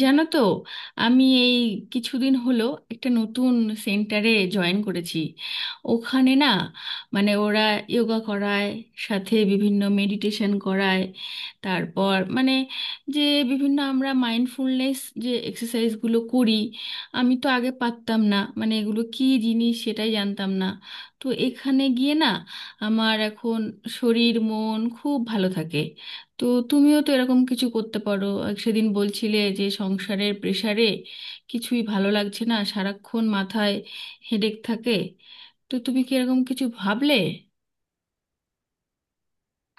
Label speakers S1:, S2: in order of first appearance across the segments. S1: জানো তো? আমি এই কিছুদিন হলো একটা নতুন সেন্টারে জয়েন করেছি। ওখানে না, মানে ওরা যোগা করায়, সাথে বিভিন্ন মেডিটেশন করায়। তারপর মানে যে বিভিন্ন আমরা মাইন্ডফুলনেস যে এক্সারসাইজগুলো করি, আমি তো আগে পারতাম না, মানে এগুলো কী জিনিস সেটাই জানতাম না। তো এখানে গিয়ে না, আমার এখন শরীর মন খুব ভালো থাকে। তো তুমিও তো এরকম কিছু করতে পারো, এক সেদিন বলছিলে যে সংসারের প্রেসারে কিছুই ভালো লাগছে না, সারাক্ষণ মাথায় হেডেক থাকে। তো তুমি কি এরকম কিছু ভাবলে?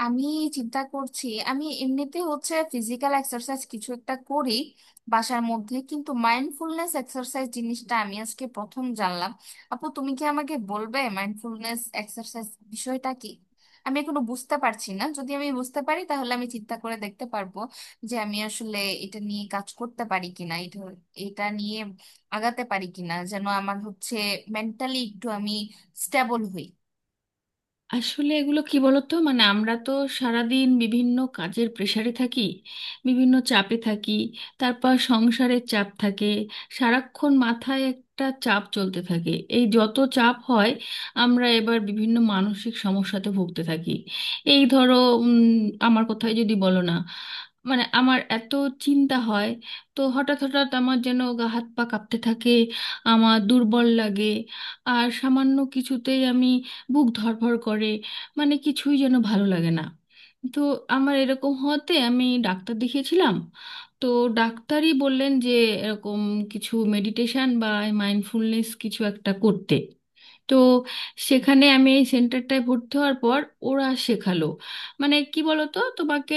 S2: আমি চিন্তা করছি। আমি এমনিতে হচ্ছে ফিজিক্যাল এক্সারসাইজ কিছু একটা করি বাসার মধ্যে, কিন্তু মাইন্ডফুলনেস এক্সারসাইজ জিনিসটা আমি আজকে প্রথম জানলাম। আপু, তুমি কি আমাকে বলবে মাইন্ডফুলনেস এক্সারসাইজ বিষয়টা কি? আমি এখনো বুঝতে পারছি না। যদি আমি বুঝতে পারি তাহলে আমি চিন্তা করে দেখতে পারবো যে আমি আসলে এটা নিয়ে কাজ করতে পারি কিনা, এটা এটা নিয়ে আগাতে পারি কিনা, যেন আমার হচ্ছে মেন্টালি একটু আমি স্টেবল হই।
S1: আসলে এগুলো কি বলতো, মানে আমরা তো সারাদিন বিভিন্ন কাজের প্রেশারে থাকি, বিভিন্ন চাপে থাকি, তারপর সংসারের চাপ থাকে, সারাক্ষণ মাথায় একটা চাপ চলতে থাকে। এই যত চাপ হয়, আমরা এবার বিভিন্ন মানসিক সমস্যাতে ভুগতে থাকি। এই ধরো, উম, আমার কথাই যদি বলো না, মানে আমার এত চিন্তা হয়, তো হঠাৎ হঠাৎ আমার যেন গা হাত পা কাঁপতে থাকে, আমার দুর্বল লাগে, আর সামান্য কিছুতেই আমি বুক ধড়ফড় করে, মানে কিছুই যেন ভালো লাগে না। তো আমার এরকম হতে আমি ডাক্তার দেখিয়েছিলাম। তো ডাক্তারই বললেন যে এরকম কিছু মেডিটেশন বা মাইন্ডফুলনেস কিছু একটা করতে। তো সেখানে আমি এই সেন্টারটায় ভর্তি হওয়ার পর ওরা শেখালো। মানে কি বলতো তোমাকে,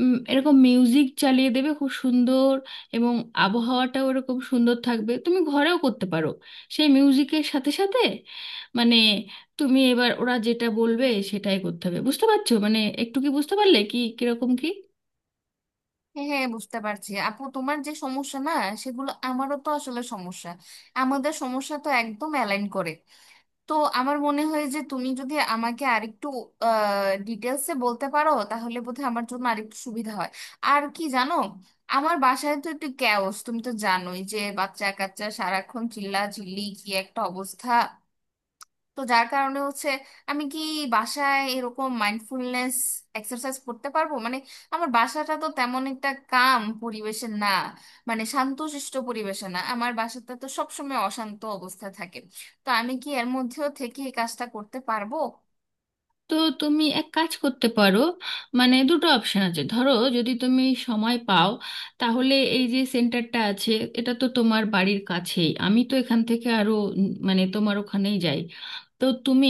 S1: এরকম মিউজিক চালিয়ে দেবে খুব সুন্দর, এবং আবহাওয়াটাও এরকম সুন্দর থাকবে, তুমি ঘরেও করতে পারো। সেই মিউজিকের সাথে সাথে মানে তুমি এবার ওরা যেটা বলবে সেটাই করতে হবে, বুঝতে পারছো? মানে একটু কি বুঝতে পারলে কি কিরকম কি?
S2: হ্যাঁ হ্যাঁ, বুঝতে পারছি আপু। তোমার যে সমস্যা না, সেগুলো আমারও তো আসলে সমস্যা। আমাদের সমস্যা তো একদম অ্যালাইন করে। তো আমার মনে হয় যে তুমি যদি আমাকে আরেকটু ডিটেলসে বলতে পারো তাহলে বোধহয় আমার জন্য আরেকটু সুবিধা হয়। আর কি জানো, আমার বাসায় তো একটু ক্যাওস। তুমি তো জানোই যে বাচ্চা কাচ্চা সারাক্ষণ চিল্লা চিল্লি, কি একটা অবস্থা। তো যার কারণে হচ্ছে, আমি কি বাসায় এরকম মাইন্ডফুলনেস এক্সারসাইজ করতে পারবো? মানে আমার বাসাটা তো তেমন একটা কাম পরিবেশে না, মানে শান্তশিষ্ট পরিবেশে না। আমার বাসাটা তো সবসময় অশান্ত অবস্থা থাকে। তো আমি কি এর মধ্যেও থেকে এই কাজটা করতে পারবো?
S1: তো তুমি এক কাজ করতে পারো, মানে দুটো অপশন আছে। ধরো যদি তুমি সময় পাও, তাহলে এই যে সেন্টারটা আছে, এটা তো তোমার বাড়ির কাছেই, আমি তো এখান থেকে আরো মানে তোমার ওখানেই যাই। তো তুমি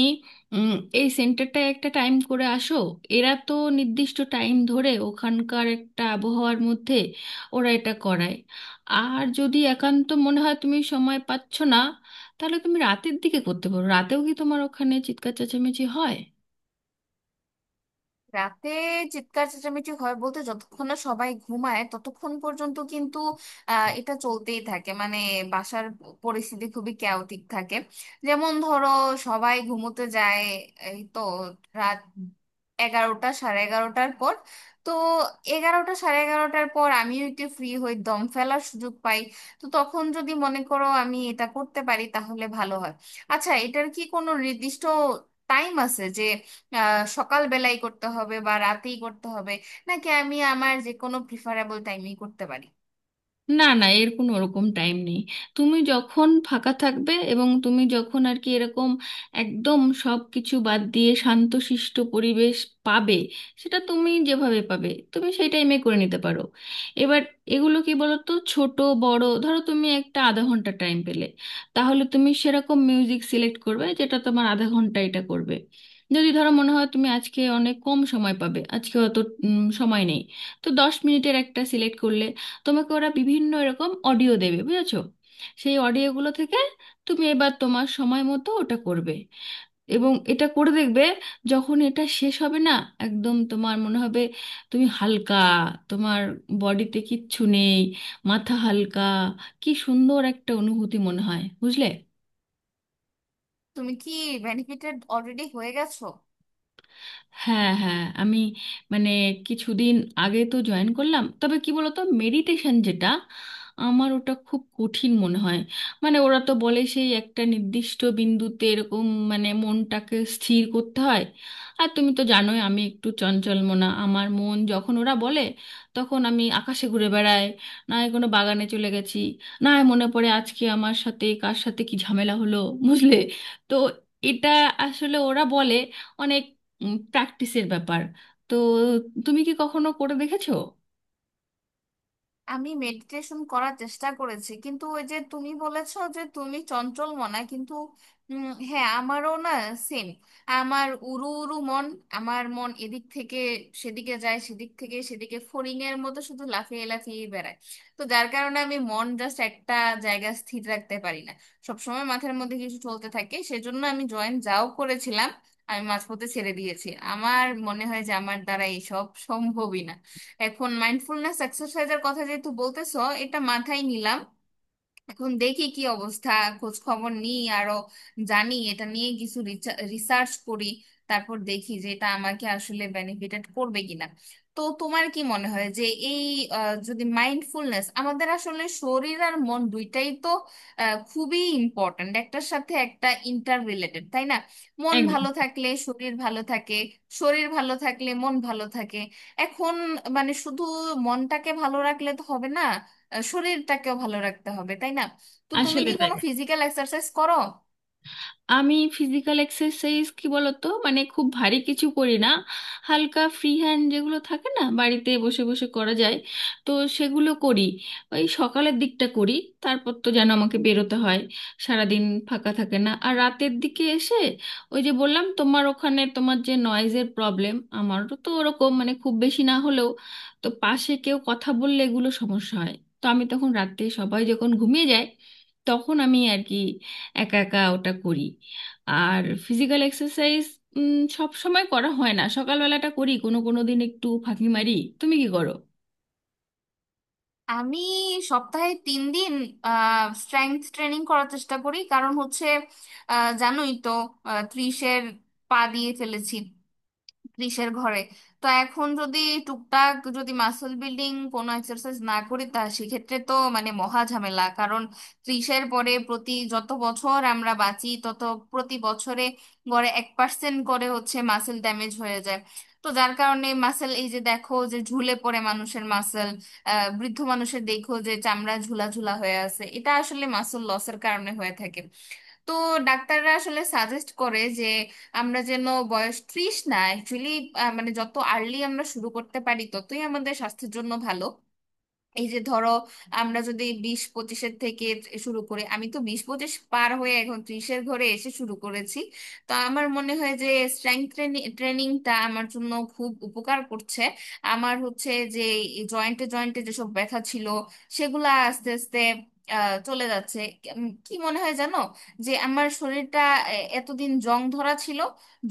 S1: উম, এই সেন্টারটায় একটা টাইম করে আসো। এরা তো নির্দিষ্ট টাইম ধরে ওখানকার একটা আবহাওয়ার মধ্যে ওরা এটা করায়। আর যদি একান্ত মনে হয় তুমি সময় পাচ্ছ না, তাহলে তুমি রাতের দিকে করতে পারো। রাতেও কি তোমার ওখানে চিৎকার চেঁচামেচি হয়?
S2: রাতে চিৎকার চেঁচামেচি হয় বলতে, যতক্ষণ না সবাই ঘুমায় ততক্ষণ পর্যন্ত কিন্তু এটা চলতেই থাকে। মানে বাসার পরিস্থিতি খুবই ক্যাওটিক থাকে। যেমন ধরো, সবাই ঘুমোতে যায় এই তো রাত 11টা সাড়ে 11টার পর। তো 11টা সাড়ে 11টার পর আমিও একটু ফ্রি হই, দম ফেলার সুযোগ পাই। তো তখন যদি মনে করো আমি এটা করতে পারি তাহলে ভালো হয়। আচ্ছা, এটার কি কোনো নির্দিষ্ট টাইম আছে যে সকালবেলাই করতে হবে বা রাতেই করতে হবে, নাকি আমি আমার যে কোনো প্রিফারেবল টাইমেই করতে পারি?
S1: না না, এর কোনো ওরকম টাইম নেই। তুমি যখন ফাঁকা থাকবে এবং তুমি যখন আর কি এরকম একদম সব কিছু বাদ দিয়ে শান্তশিষ্ট পরিবেশ পাবে, সেটা তুমি যেভাবে পাবে তুমি সেই টাইমে করে নিতে পারো। এবার এগুলো কি বলো তো, ছোট বড়, ধরো তুমি একটা আধা ঘন্টা টাইম পেলে, তাহলে তুমি সেরকম মিউজিক সিলেক্ট করবে যেটা তোমার আধা ঘন্টা, এটা করবে। যদি ধরো মনে হয় তুমি আজকে অনেক কম সময় পাবে, আজকে অত সময় নেই, তো 10 মিনিটের একটা সিলেক্ট করলে, তোমাকে ওরা বিভিন্ন এরকম অডিও দেবে, বুঝেছো? সেই অডিওগুলো থেকে তুমি এবার তোমার সময় মতো ওটা করবে এবং এটা করে দেখবে, যখন এটা শেষ হবে না, একদম তোমার মনে হবে তুমি হালকা, তোমার বডিতে কিচ্ছু নেই, মাথা হালকা, কি সুন্দর একটা অনুভূতি মনে হয়, বুঝলে?
S2: তুমি কি বেনিফিটেড অলরেডি হয়ে গেছো?
S1: হ্যাঁ হ্যাঁ, আমি মানে কিছুদিন আগে তো জয়েন করলাম। তবে কি বলতো, মেডিটেশন যেটা, আমার ওটা খুব কঠিন মনে হয়। মানে ওরা তো বলে সেই একটা নির্দিষ্ট বিন্দুতে এরকম, মানে মনটাকে স্থির করতে হয়। আর তুমি তো জানোই আমি একটু চঞ্চল মনা, আমার মন যখন ওরা বলে, তখন আমি আকাশে ঘুরে বেড়াই, না হয় কোনো বাগানে চলে গেছি, না হয় মনে পড়ে আজকে আমার সাথে কার সাথে কি ঝামেলা হলো, বুঝলে? তো এটা আসলে ওরা বলে অনেক প্র্যাকটিসের ব্যাপার। তো তুমি কি কখনো করে দেখেছো?
S2: আমি মেডিটেশন করার চেষ্টা করেছি কিন্তু ওই যে তুমি বলেছো যে তুমি চঞ্চল মনা, কিন্তু হ্যাঁ, আমারও না, সেম। আমার উড়ু উড়ু মন। আমার মন এদিক থেকে সেদিকে যায়, সেদিক থেকে সেদিকে ফড়িং এর মতো শুধু লাফিয়ে লাফিয়ে বেড়ায়। তো যার কারণে আমি মন জাস্ট একটা জায়গা স্থির রাখতে পারি না। সবসময় মাথার মধ্যে কিছু চলতে থাকে, সেজন্য আমি জয়েন যাও করেছিলাম, আমি মাঝপথে ছেড়ে দিয়েছি। আমার মনে হয় যে আমার দ্বারা এইসব সম্ভবই না। এখন মাইন্ডফুলনেস এক্সারসাইজের কথা যেহেতু বলতেছো, এটা মাথায় নিলাম। এখন দেখি কি অবস্থা, খোঁজ খবর নিই, আরো জানি এটা নিয়ে, কিছু রিসার্চ করি, তারপর দেখি যে এটা আমাকে আসলে বেনিফিটেড করবে কিনা। তো তোমার কি মনে হয় যে এই যদি মাইন্ডফুলনেস, আমাদের আসলে শরীর আর মন দুইটাই তো খুবই ইম্পর্ট্যান্ট, একটার সাথে একটা ইন্টার রিলেটেড তাই না? মন
S1: একদম।
S2: ভালো থাকলে শরীর ভালো থাকে, শরীর ভালো থাকলে মন ভালো থাকে। এখন মানে শুধু মনটাকে ভালো রাখলে তো হবে না, শরীরটাকেও ভালো রাখতে হবে তাই না? তো তুমি
S1: আসলে
S2: কি
S1: তাই,
S2: কোনো ফিজিক্যাল এক্সারসাইজ করো?
S1: আমি ফিজিক্যাল এক্সারসাইজ কি বলতো, মানে খুব ভারী কিছু করি না, হালকা ফ্রি হ্যান্ড যেগুলো থাকে না বাড়িতে বসে বসে করা যায়, তো সেগুলো করি। ওই সকালের দিকটা করি। তারপর তো যেন আমাকে বেরোতে হয়, সারাদিন ফাঁকা থাকে না, আর রাতের দিকে এসে ওই যে বললাম তোমার ওখানে তোমার যে নয়েজের প্রবলেম, আমারও তো ওরকম, মানে খুব বেশি না হলেও, তো পাশে কেউ কথা বললে এগুলো সমস্যা হয়। তো আমি তখন রাতে সবাই যখন ঘুমিয়ে যায়, তখন আমি আর কি একা একা ওটা করি। আর ফিজিক্যাল এক্সারসাইজ সব সময় করা হয় না, সকালবেলাটা করি, কোনো কোনো দিন একটু ফাঁকি মারি। তুমি কি করো?
S2: আমি সপ্তাহে 3 দিন স্ট্রেংথ ট্রেনিং করার চেষ্টা করি কারণ হচ্ছে জানোই তো, ত্রিশের পা দিয়ে ফেলেছি, ত্রিশের ঘরে। তো এখন যদি টুকটাক যদি মাসল বিল্ডিং কোনো এক্সারসাইজ না করি তা সেক্ষেত্রে তো মানে মহা ঝামেলা। কারণ ত্রিশের পরে প্রতি যত বছর আমরা বাঁচি তত প্রতি বছরে গড়ে 1 পার্সেন্ট করে হচ্ছে মাসেল ড্যামেজ হয়ে যায়। তো যার কারণে মাসেল, এই যে দেখো যে ঝুলে পড়ে মানুষের মাসেল, বৃদ্ধ মানুষের দেখো যে চামড়া ঝুলা ঝুলা হয়ে আছে, এটা আসলে মাসল লসের কারণে হয়ে থাকে। তো ডাক্তাররা আসলে সাজেস্ট করে যে আমরা যেন, বয়স ত্রিশ না অ্যাকচুয়ালি, মানে যত আর্লি আমরা শুরু করতে পারি ততই আমাদের স্বাস্থ্যের জন্য ভালো। এই যে ধরো আমরা যদি বিশ পঁচিশের থেকে শুরু করে, আমি তো বিশ পঁচিশ পার হয়ে এখন ত্রিশের ঘরে এসে শুরু করেছি। তো আমার মনে হয় যে স্ট্রেংথ ট্রেনিংটা আমার জন্য খুব উপকার করছে। আমার হচ্ছে যে জয়েন্টে জয়েন্টে যেসব ব্যথা ছিল সেগুলা আস্তে আস্তে চলে যাচ্ছে। কি মনে হয় জানো, যে আমার শরীরটা এতদিন জং ধরা ছিল,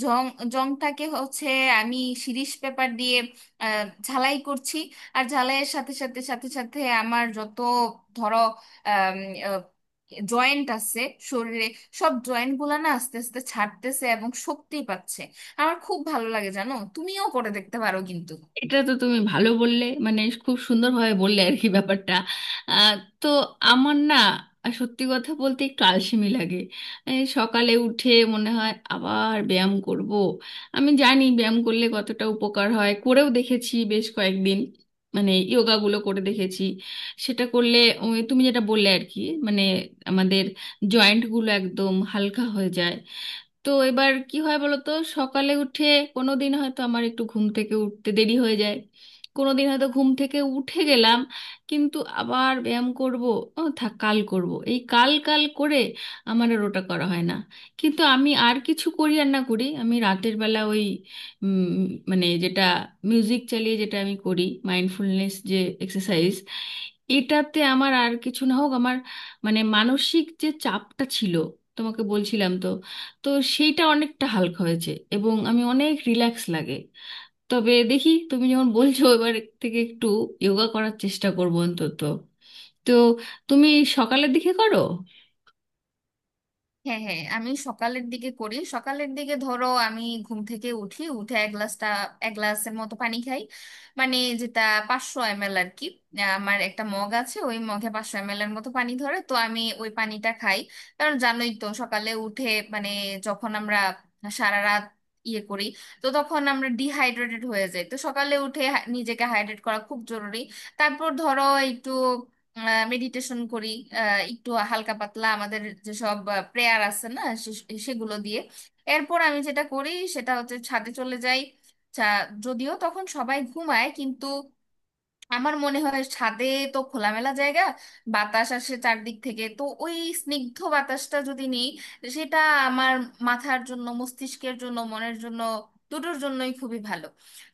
S2: জং, জংটাকে হচ্ছে আমি শিরিষ পেপার দিয়ে ঝালাই করছি। আর ঝালাইয়ের সাথে সাথে আমার যত ধরো জয়েন্ট আছে শরীরে, সব জয়েন্ট গুলা না আস্তে আস্তে ছাড়তেছে এবং শক্তি পাচ্ছে। আমার খুব ভালো লাগে জানো, তুমিও করে দেখতে পারো কিন্তু।
S1: এটা তো তুমি ভালো বললে, মানে খুব সুন্দরভাবে বললে আর কি ব্যাপারটা। আহ, তো আমার না, সত্যি কথা বলতে একটু আলসেমি লাগে এই সকালে উঠে। মনে হয় আবার ব্যায়াম করব? আমি জানি ব্যায়াম করলে কতটা উপকার হয়, করেও দেখেছি বেশ কয়েকদিন, মানে যোগাগুলো করে দেখেছি, সেটা করলে ওই তুমি যেটা বললে আর কি, মানে আমাদের জয়েন্টগুলো একদম হালকা হয়ে যায়। তো এবার কি হয় বলতো, সকালে উঠে কোনো দিন হয়তো আমার একটু ঘুম থেকে উঠতে দেরি হয়ে যায়, কোনো দিন হয়তো ঘুম থেকে উঠে গেলাম, কিন্তু আবার ব্যায়াম করব? ও থাক, কাল করব, এই কাল কাল করে আমার আর ওটা করা হয় না। কিন্তু আমি আর কিছু করি আর না করি, আমি রাতের বেলা ওই মানে যেটা মিউজিক চালিয়ে যেটা আমি করি, মাইন্ডফুলনেস যে এক্সারসাইজ, এটাতে আমার আর কিছু না হোক, আমার মানে মানসিক যে চাপটা ছিল, তোমাকে বলছিলাম তো, তো সেইটা অনেকটা হালকা হয়েছে এবং আমি অনেক রিল্যাক্স লাগে। তবে দেখি, তুমি যখন বলছো, এবার থেকে একটু যোগা করার চেষ্টা করবো অন্তত। তো তুমি সকালের দিকে করো?
S2: হ্যাঁ হ্যাঁ, আমি সকালের দিকে করি। সকালের দিকে ধরো আমি ঘুম থেকে উঠি, উঠে এক গ্লাসটা এক গ্লাসের মতো পানি খাই, মানে যেটা 500 এম এল আর কি। আমার একটা মগ আছে, ওই মগে 500 এম এল এর মতো পানি ধরে, তো আমি ওই পানিটা খাই। কারণ জানোই তো সকালে উঠে, মানে যখন আমরা সারা রাত ইয়ে করি, তো তখন আমরা ডিহাইড্রেটেড হয়ে যাই। তো সকালে উঠে নিজেকে হাইড্রেট করা খুব জরুরি। তারপর ধরো একটু মেডিটেশন করি, একটু হালকা পাতলা আমাদের যেসব প্রেয়ার আছে না সেগুলো দিয়ে। এরপর আমি যেটা করি সেটা হচ্ছে ছাদে চলে যাই। চা- যদিও তখন সবাই ঘুমায় কিন্তু আমার মনে হয় ছাদে তো খোলামেলা জায়গা, বাতাস আসে চারদিক থেকে, তো ওই স্নিগ্ধ বাতাসটা যদি নিই সেটা আমার মাথার জন্য, মস্তিষ্কের জন্য, মনের জন্য দুটোর জন্যই খুবই ভালো।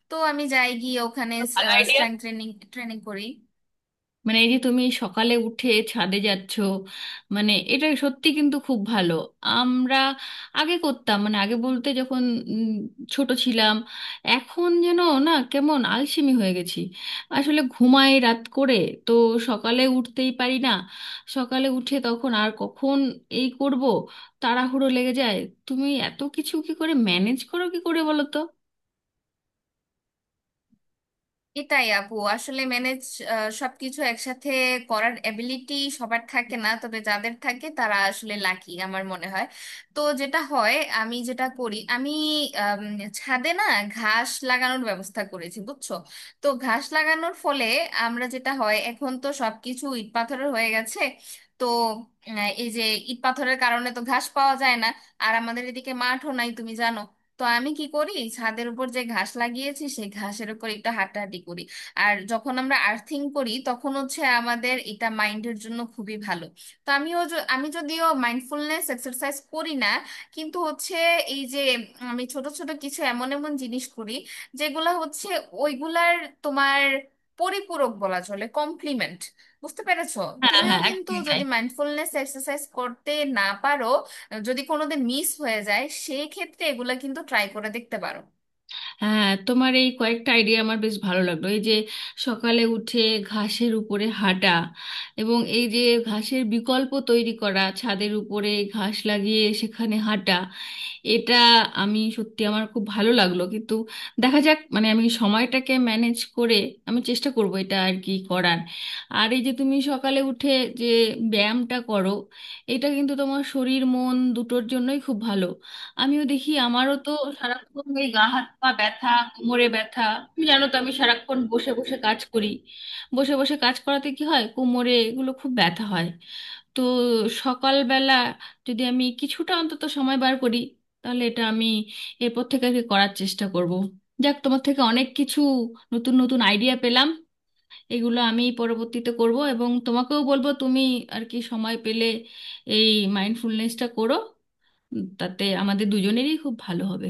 S2: তো আমি যাই গিয়ে ওখানে
S1: ভালো আইডিয়া।
S2: স্ট্রেংথ ট্রেনিং ট্রেনিং করি।
S1: মানে এই যে তুমি সকালে উঠে ছাদে যাচ্ছ, মানে এটা সত্যি কিন্তু খুব ভালো। আমরা আগে করতাম, মানে আগে বলতে যখন উম, ছোট ছিলাম। এখন যেন না কেমন আলসেমি হয়ে গেছি, আসলে ঘুমাই রাত করে, তো সকালে উঠতেই পারি না, সকালে উঠে তখন আর কখন এই করব, তাড়াহুড়ো লেগে যায়। তুমি এত কিছু কি করে ম্যানেজ করো, কি করে বলো তো?
S2: এটাই আপু, আসলে ম্যানেজ, সবকিছু একসাথে করার এবিলিটি সবার থাকে না, তবে যাদের থাকে তারা আসলে লাকি আমার মনে হয়। তো যেটা হয় আমি যেটা করি, আমি আম, ছাদে না ঘাস লাগানোর ব্যবস্থা করেছি, বুঝছো? তো ঘাস লাগানোর ফলে, আমরা যেটা হয় এখন তো সবকিছু ইট পাথরের হয়ে গেছে। তো এই যে ইট পাথরের কারণে তো ঘাস পাওয়া যায় না। আর আমাদের এদিকে মাঠও নাই তুমি জানো। তো আমি কি করি, ছাদের উপর যে ঘাস লাগিয়েছি সেই ঘাসের উপর একটু হাঁটাহাঁটি করি। আর যখন আমরা আর্থিং করি তখন হচ্ছে আমাদের এটা মাইন্ডের জন্য খুবই ভালো। তো আমিও আমি যদিও মাইন্ডফুলনেস এক্সারসাইজ করি না, কিন্তু হচ্ছে এই যে আমি ছোট ছোট কিছু এমন এমন জিনিস করি যেগুলা হচ্ছে ওইগুলার, তোমার পরিপূরক বলা চলে, কমপ্লিমেন্ট। বুঝতে পেরেছো?
S1: হ্যাঁ
S2: তুমিও
S1: হ্যাঁ,
S2: কিন্তু
S1: একদমই তাই।
S2: যদি মাইন্ডফুলনেস এক্সারসাইজ করতে না পারো, যদি কোনোদিন মিস হয়ে যায় সেই ক্ষেত্রে এগুলা কিন্তু ট্রাই করে দেখতে পারো।
S1: হ্যাঁ, তোমার এই কয়েকটা আইডিয়া আমার বেশ ভালো লাগলো, এই যে সকালে উঠে ঘাসের উপরে হাঁটা, এবং এই যে ঘাসের বিকল্প তৈরি করা ছাদের উপরে ঘাস লাগিয়ে সেখানে হাঁটা, এটা আমি সত্যি আমার খুব ভালো লাগলো। কিন্তু দেখা যাক, মানে আমি সময়টাকে ম্যানেজ করে আমি চেষ্টা করব এটা আর কি করার। আর এই যে তুমি সকালে উঠে যে ব্যায়ামটা করো, এটা কিন্তু তোমার শরীর মন দুটোর জন্যই খুব ভালো। আমিও দেখি, আমারও তো সারাক্ষণ এই গা হাত পা ব্যথা, কোমরে ব্যথা। তুমি জানো তো, আমি সারাক্ষণ বসে বসে কাজ করি, বসে বসে কাজ করাতে কি হয়, কোমরে এগুলো খুব ব্যথা হয়। তো সকালবেলা যদি আমি কিছুটা অন্তত সময় বার করি, তাহলে এটা আমি এরপর থেকে আর কি করার চেষ্টা করব। যাক, তোমার থেকে অনেক কিছু নতুন নতুন আইডিয়া পেলাম, এগুলো আমি পরবর্তীতে করব, এবং তোমাকেও বলবো তুমি আর কি সময় পেলে এই মাইন্ডফুলনেসটা করো, তাতে আমাদের দুজনেরই খুব ভালো হবে।